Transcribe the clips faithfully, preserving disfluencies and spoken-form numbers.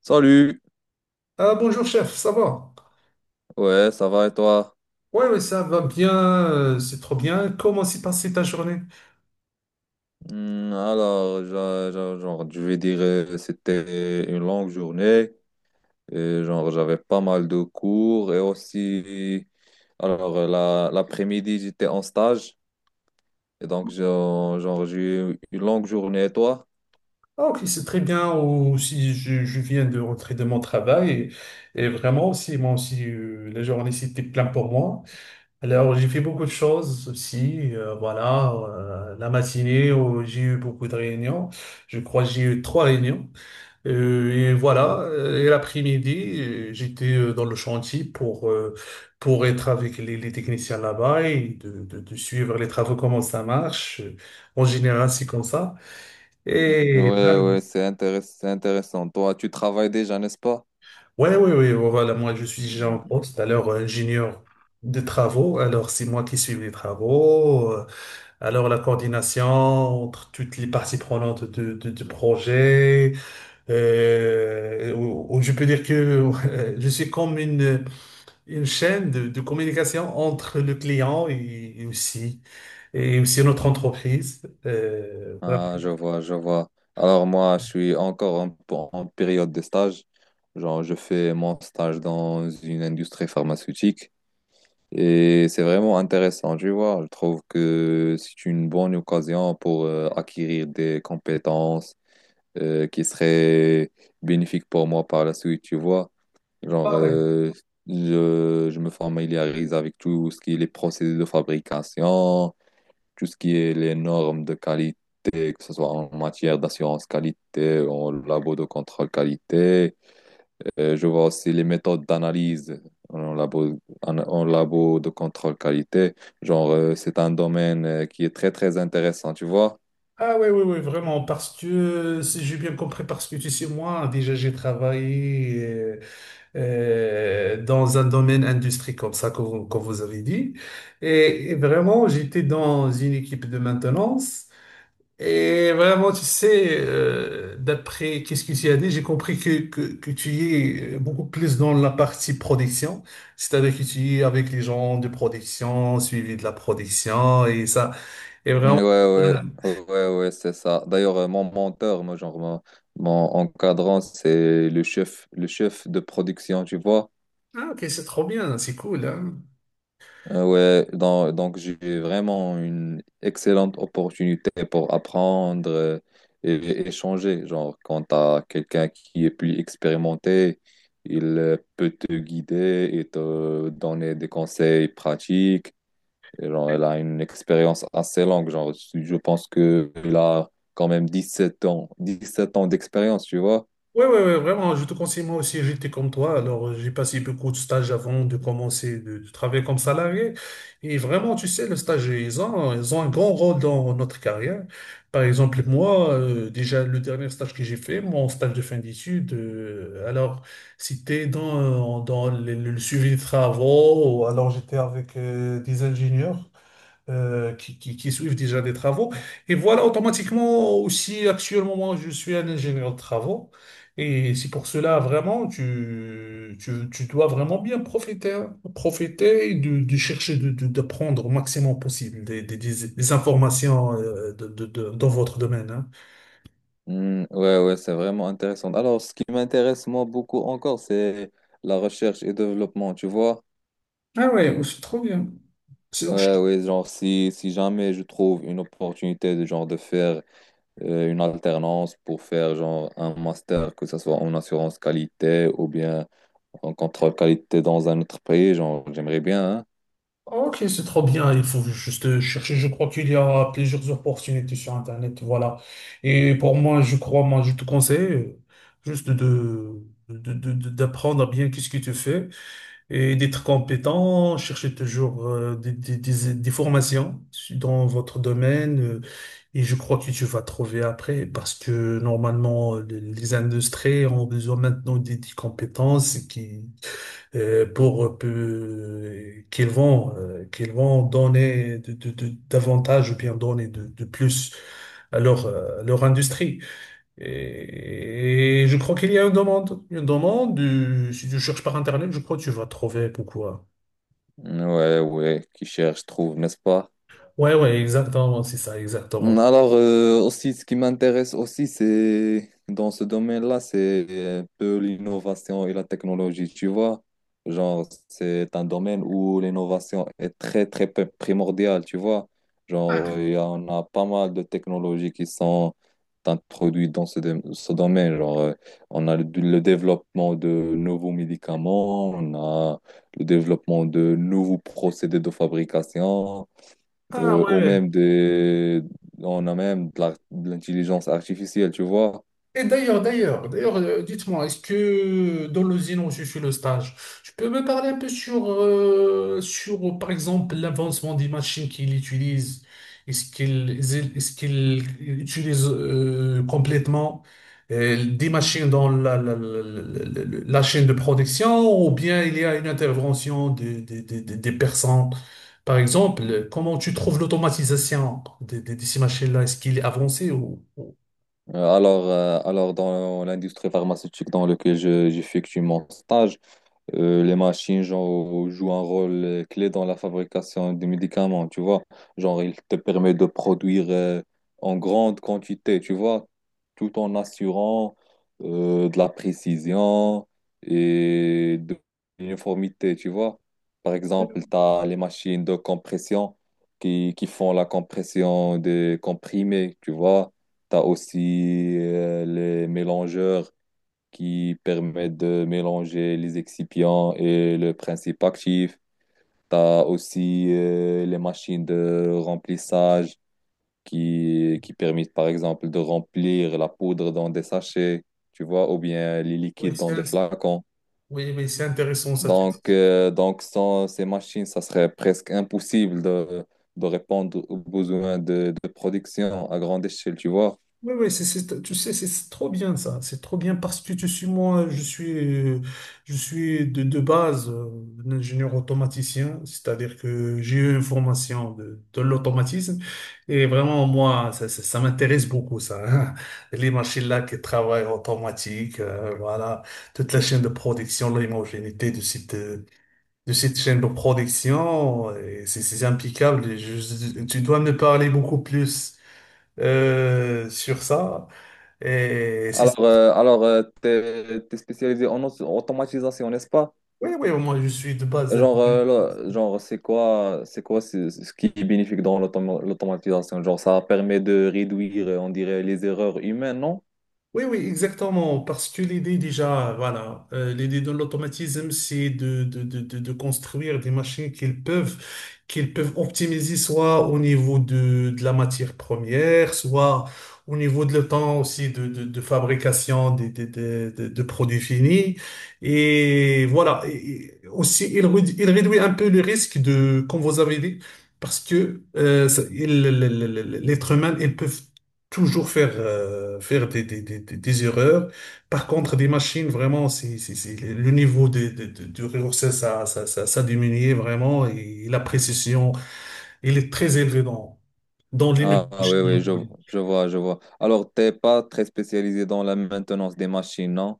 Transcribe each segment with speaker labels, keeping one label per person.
Speaker 1: Salut,
Speaker 2: Ah, bonjour chef, ça va?
Speaker 1: ouais, ça va et toi?
Speaker 2: Oui oui ça va bien, euh, c'est trop bien. Comment s'est passée ta journée?
Speaker 1: Hmm, alors, j'a- j'a- genre, je vais dire, euh, c'était une longue journée, et genre, j'avais pas mal de cours, et aussi, alors, euh, la, l'après-midi, j'étais en stage, et donc, genre, genre, j'ai eu une longue journée, et toi?
Speaker 2: Ah, ok, c'est très bien. Aussi, je, je viens de rentrer de mon travail et, et vraiment aussi, moi aussi, euh, la journée c'était plein pour moi. Alors, j'ai fait beaucoup de choses aussi. Euh, voilà, euh, la matinée, où j'ai eu beaucoup de réunions. Je crois que j'ai eu trois réunions. Euh, et voilà, euh, et l'après-midi, euh, j'étais euh, dans le chantier pour, euh, pour être avec les, les techniciens là-bas et de, de, de suivre les travaux, comment ça marche. Euh, En général, c'est comme ça.
Speaker 1: Hmm,
Speaker 2: Et
Speaker 1: ouais, ouais, c'est intéress- c'est intéressant. Toi, tu travailles déjà, n'est-ce pas?
Speaker 2: ouais, ouais, ouais, ouais, voilà, moi, je suis déjà en poste, alors euh, ingénieur de travaux. Alors, c'est moi qui suis les travaux. euh, Alors, la coordination entre toutes les parties prenantes de- de- du projet, euh, ou- ou je peux dire que euh, je suis comme une, une chaîne de, de communication entre le client et, et aussi, et aussi notre entreprise. Euh, vraiment.
Speaker 1: Ah, je vois, je vois. Alors moi, je suis encore en, en période de stage. Genre, je fais mon stage dans une industrie pharmaceutique et c'est vraiment intéressant, tu vois. Je trouve que c'est une bonne occasion pour euh, acquérir des compétences euh, qui seraient bénéfiques pour moi par la suite, tu vois. Genre,
Speaker 2: Ah ouais.
Speaker 1: euh, je, je me familiarise avec tout ce qui est les procédés de fabrication, tout ce qui est les normes de qualité, que ce soit en matière d'assurance qualité, en labo de contrôle qualité. Euh, je vois aussi les méthodes d'analyse en labo, en, en labo de contrôle qualité. Genre, euh, c'est un domaine euh, qui est très, très intéressant, tu vois?
Speaker 2: Ah ouais, ouais, ouais, vraiment, parce que, si j'ai bien compris, parce que tu sais, moi, déjà, j'ai travaillé euh, euh, dans un domaine industrie comme ça, comme, vous comme vous avez dit. Et, et vraiment, j'étais dans une équipe de maintenance. Et vraiment, tu sais, euh, d'après qu'est-ce que tu as dit, j'ai compris que, que, que tu es euh, beaucoup plus dans la partie production, c'est-à-dire que tu es avec les gens de production, suivi de la production et ça. Et
Speaker 1: Ouais,
Speaker 2: vraiment,
Speaker 1: ouais,
Speaker 2: voilà.
Speaker 1: ouais, ouais, c'est ça. D'ailleurs, euh, mon menteur, moi, genre, mon, mon encadrant, c'est le chef, le chef de production, tu vois?
Speaker 2: Ah, ok, c'est trop bien, c'est cool, hein.
Speaker 1: Euh, ouais, donc, donc j'ai vraiment une excellente opportunité pour apprendre euh, et, échanger. Genre, quand tu as quelqu'un qui est plus expérimenté, il euh, peut te guider et te donner des conseils pratiques. Et genre, elle a une expérience assez longue. Genre, je pense qu'il a quand même dix sept ans, dix sept ans d'expérience, tu vois.
Speaker 2: Oui, oui, oui, vraiment, je te conseille, moi aussi, j'étais comme toi. Alors, euh, j'ai passé beaucoup de stages avant de commencer de, de travailler comme salarié. Et vraiment, tu sais, le stage, ils ont, ils ont un grand rôle dans notre carrière. Par exemple, moi, euh, déjà, le dernier stage que j'ai fait, mon stage de fin d'études, euh, alors, c'était dans, dans le, le suivi de travaux. Ou alors, j'étais avec euh, des ingénieurs euh, qui, qui- qui suivent déjà des travaux. Et voilà, automatiquement aussi, actuellement, moi, je suis un ingénieur de travaux. Et c'est pour cela, vraiment, tu, tu, tu dois vraiment bien profiter, hein. Profiter et de, de chercher de, de, de prendre au maximum possible des, des, des- des informations euh, de, de- de- dans votre domaine, hein.
Speaker 1: Hmm, ouais, ouais, c'est vraiment intéressant. Alors, ce qui m'intéresse moi beaucoup encore, c'est la recherche et développement, tu vois.
Speaker 2: Ah ouais, c'est trop bien. C'est-
Speaker 1: Ouais, oui, genre, si, si jamais je trouve une opportunité de genre de faire euh, une alternance pour faire genre un master, que ce soit en assurance qualité ou bien en contrôle qualité dans un autre pays, genre, j'aimerais bien, hein.
Speaker 2: Ok, c'est trop bien. Il faut juste chercher. Je crois qu'il y a plusieurs opportunités sur Internet. Voilà. Et pour moi, je crois, moi, je te conseille euh, juste de, de- de- de- d'apprendre bien qu'est-ce que tu fais et d'être compétent, chercher toujours euh, des, des, des- des formations dans votre domaine. euh, Et je crois que tu vas trouver après parce que normalement, les les industries ont besoin maintenant des, des compétences qui euh, pour peu- qu'ils vont euh, qu'ils vont donner de, de- de- davantage ou bien donner de, de plus à leur euh, à leur industrie. Et, et je crois qu'il y a une demande, une demande. Euh, si tu cherches par Internet, je crois que tu vas trouver pourquoi.
Speaker 1: Ouais, ouais, qui cherche, trouve, n'est-ce pas?
Speaker 2: Ouais, ouais, exactement, c'est ça, exactement.
Speaker 1: Alors, euh, aussi, ce qui m'intéresse aussi, c'est dans ce domaine-là, c'est un peu l'innovation et la technologie. Tu vois, genre, c'est un domaine où l'innovation est très, très pe- primordiale. Tu vois, genre, il y en a pas mal de technologies qui sont introduites dans ce, dom- ce domaine. Genre, euh, on a le, le développement de nouveaux médicaments, on a le développement de nouveaux procédés de fabrication,
Speaker 2: Ah
Speaker 1: euh,
Speaker 2: ouais.
Speaker 1: ou
Speaker 2: Ouais.
Speaker 1: même des, on a même de l'ar- de l'intelligence artificielle, tu vois.
Speaker 2: Et d'ailleurs, d'ailleurs, d'ailleurs, euh, dites-moi, est-ce que dans l'usine où je suis le stage, tu peux me parler un peu sur, euh, sur par exemple, l'avancement des machines qu'ils utilisent? Est-ce qu'ils est-ce qu'ils utilisent euh, complètement euh, des machines dans la, la, la, la- la- la chaîne de production ou bien il y a une intervention des, des, des, des- des personnes? Par exemple, comment tu trouves l'automatisation de, de- de ces machines-là? Est-ce qu'il est avancé ou... ou-
Speaker 1: Euh, Alors, euh, alors dans l'industrie pharmaceutique dans laquelle je- j'effectue mon stage, Euh, les machines, genre, jouent un rôle euh, clé dans la fabrication des médicaments, tu vois. Genre, il te permet de produire euh, en grande quantité, tu vois, tout en assurant euh, de la précision et de l'uniformité, tu vois. Par exemple, tu as les machines de compression qui, qui font la compression des comprimés, tu vois. Tu as aussi euh, les mélangeurs qui permet de mélanger les excipients et le principe actif. Tu as aussi euh, les machines de remplissage qui, qui permettent, par exemple, de remplir la poudre dans des sachets, tu vois, ou bien les
Speaker 2: Oui,
Speaker 1: liquides
Speaker 2: c'est-
Speaker 1: dans des flacons.
Speaker 2: Oui, oui, c'est intéressant ça, tu
Speaker 1: Donc,
Speaker 2: dis.
Speaker 1: euh, donc sans ces machines, ça serait presque impossible de, de répondre aux besoins de, de production à grande échelle, tu vois.
Speaker 2: Oui, oui, c'est, c'est- tu sais, c'est c'est trop bien ça. C'est trop bien parce que tu suis moi, je suis, euh, je suis de, de base euh, un ingénieur automaticien, c'est-à-dire que j'ai eu une formation de, de l'automatisme et vraiment moi, ça, ça, ça m'intéresse beaucoup ça, hein. Les machines là qui travaillent automatique, euh, voilà, toute la chaîne de production, l'homogénéité de cette, euh, de cette chaîne de production, et c'est c'est impeccable. Je- je- tu dois me parler beaucoup plus euh, sur ça. Et c'est...
Speaker 1: Alors, euh, alors euh, t'es t'es spécialisé en auto- automatisation, n'est-ce pas?
Speaker 2: Oui, oui, moi je suis de base,
Speaker 1: Genre,
Speaker 2: hindou.
Speaker 1: euh, là, genre c'est quoi, c'est quoi ce, ce qui est bénéfique dans l'automa- l'automatisation? Genre, ça permet de réduire, euh, on dirait, les erreurs humaines, non?
Speaker 2: Oui, oui, exactement. Parce que l'idée déjà, voilà, euh, l'idée de l'automatisme, c'est de, de, de, de, de construire des machines qu'ils peuvent, qu'ils peuvent optimiser soit au niveau de, de la matière première, soit au niveau de le temps aussi de, de, de fabrication des, des, des, des- de produits finis. Et voilà, Et- et aussi, il, réduit- il réduit un peu le risque de, comme vous avez dit, parce que euh, ça- il- le- le- le- le- l'être humain, ils peuvent toujours faire euh, faire des, des, des, des des erreurs. Par contre, des machines, vraiment, c'est, c'est, c'est- le niveau de, de, de, de réussite, ça, ça, ça, ça diminuait vraiment et la précision, elle est très élevée dans, dans les
Speaker 1: Ah, ah, oui, oui, je,
Speaker 2: machines.
Speaker 1: je vois, je vois. Alors, t'es pas très spécialisé dans la maintenance des machines, non?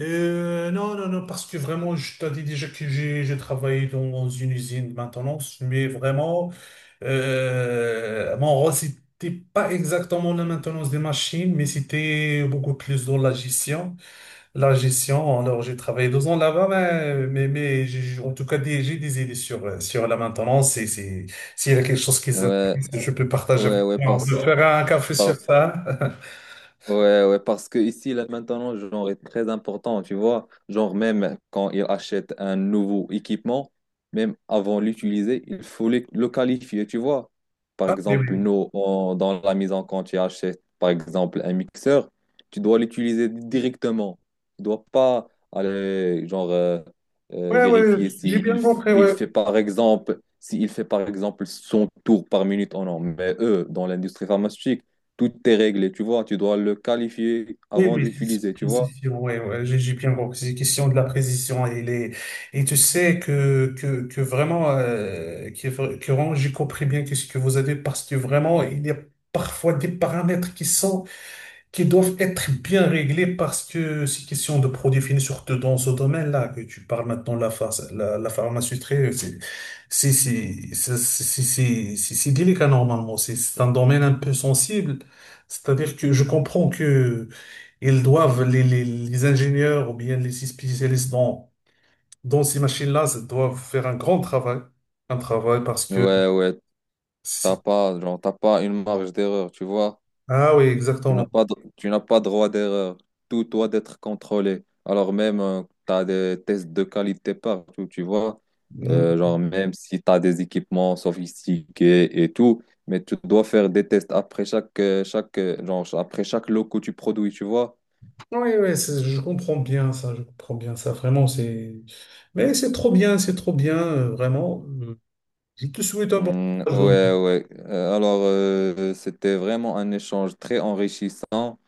Speaker 2: euh, Non, non, non, parce que vraiment, je t'ai dit déjà que j'ai j'ai travaillé dans une usine de maintenance, mais vraiment, euh, mon rôle, c'était pas exactement la maintenance des machines, mais c'était beaucoup plus dans la gestion. La gestion, alors j'ai travaillé deux ans là-bas, mais, mais, mais j'ai- en tout cas des- j'ai des idées sur, euh, sur la maintenance et c'est, s'il y a quelque chose qui vous,
Speaker 1: Ouais,
Speaker 2: je peux partager
Speaker 1: ouais,
Speaker 2: avec
Speaker 1: ouais,
Speaker 2: toi. On peut
Speaker 1: parce,
Speaker 2: faire un café
Speaker 1: par-
Speaker 2: sur ça.
Speaker 1: ouais, ouais, parce que ici, là, maintenant, genre, est très important, tu vois. Genre, même quand ils achètent un nouveau équipement, même avant l'utiliser, il faut le, le qualifier, tu vois. Par
Speaker 2: Ah, mais
Speaker 1: exemple,
Speaker 2: oui,
Speaker 1: nous, on- dans la maison, quand tu achètes, par exemple, un mixeur, tu dois l'utiliser directement. Tu dois pas aller, genre, euh, euh,
Speaker 2: ouais, ouais,
Speaker 1: vérifier
Speaker 2: j'ai
Speaker 1: si il,
Speaker 2: bien
Speaker 1: f-
Speaker 2: compris,
Speaker 1: il
Speaker 2: ouais.
Speaker 1: fait, par exemple, s'il fait, par exemple, son tour par minute ou non. Mais eux, dans l'industrie pharmaceutique, tout est réglé, tu vois, tu dois le qualifier
Speaker 2: Oui,
Speaker 1: avant de
Speaker 2: oui, c'est-
Speaker 1: l'utiliser, tu vois.
Speaker 2: précision, ouais, ouais, j'ai j'ai bien compris. C'est question de la précision et les, et tu sais que, que, que vraiment, euh, que, que vraiment, j'ai compris bien qu'est-ce que vous avez parce que vraiment, il y a parfois des paramètres qui sont qui doivent être bien réglés parce que c'est question de produits finis, surtout dans ce domaine-là que tu parles maintenant, la, phar- la, la pharmaceutique, c'est c'est- c'est- c'est- c'est- c'est- c'est- c'est délicat normalement, c'est c'est un domaine un peu sensible, c'est-à-dire que je comprends que ils doivent, les, les, les ingénieurs ou bien les spécialistes dans, dans ces machines-là, ça doivent faire un grand travail, un travail parce que...
Speaker 1: Ouais, ouais, t'as
Speaker 2: c'est-
Speaker 1: pas, genre, t'as pas une marge d'erreur, tu vois.
Speaker 2: Ah oui,
Speaker 1: Tu n'as
Speaker 2: exactement.
Speaker 1: pas, de- tu n'as pas droit d'erreur. Tout doit être contrôlé. Alors même, euh, t'as des tests de qualité partout, tu vois. Euh, genre, même si t'as des équipements sophistiqués et tout, mais tu dois faire des tests après chaque, euh, chaque, euh, genre, après chaque lot que tu produis, tu vois.
Speaker 2: Oui, oui, c'est- je comprends bien ça, je comprends bien ça, vraiment, c'est... Mais c'est trop bien, c'est trop bien, euh, vraiment. Euh, Je te souhaite un bon
Speaker 1: Mm,
Speaker 2: courage, donc.
Speaker 1: ouais, ouais. Euh, alors, euh, c'était vraiment un échange très enrichissant.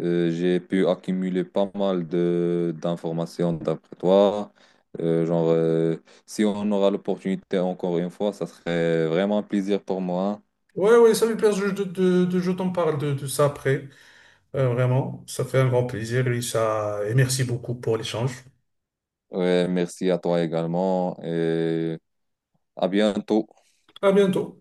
Speaker 1: Euh, j'ai pu accumuler pas mal de d'informations d'après toi. Euh, genre, euh, si on aura l'opportunité encore une fois, ça serait vraiment un plaisir pour moi.
Speaker 2: Oui, oui, ça me plaisir de, de, de- je t'en parle de, de ça après. Euh, vraiment, ça fait un grand plaisir, Lisa, et merci beaucoup pour l'échange.
Speaker 1: Ouais, merci à toi également et à bientôt.
Speaker 2: À bientôt.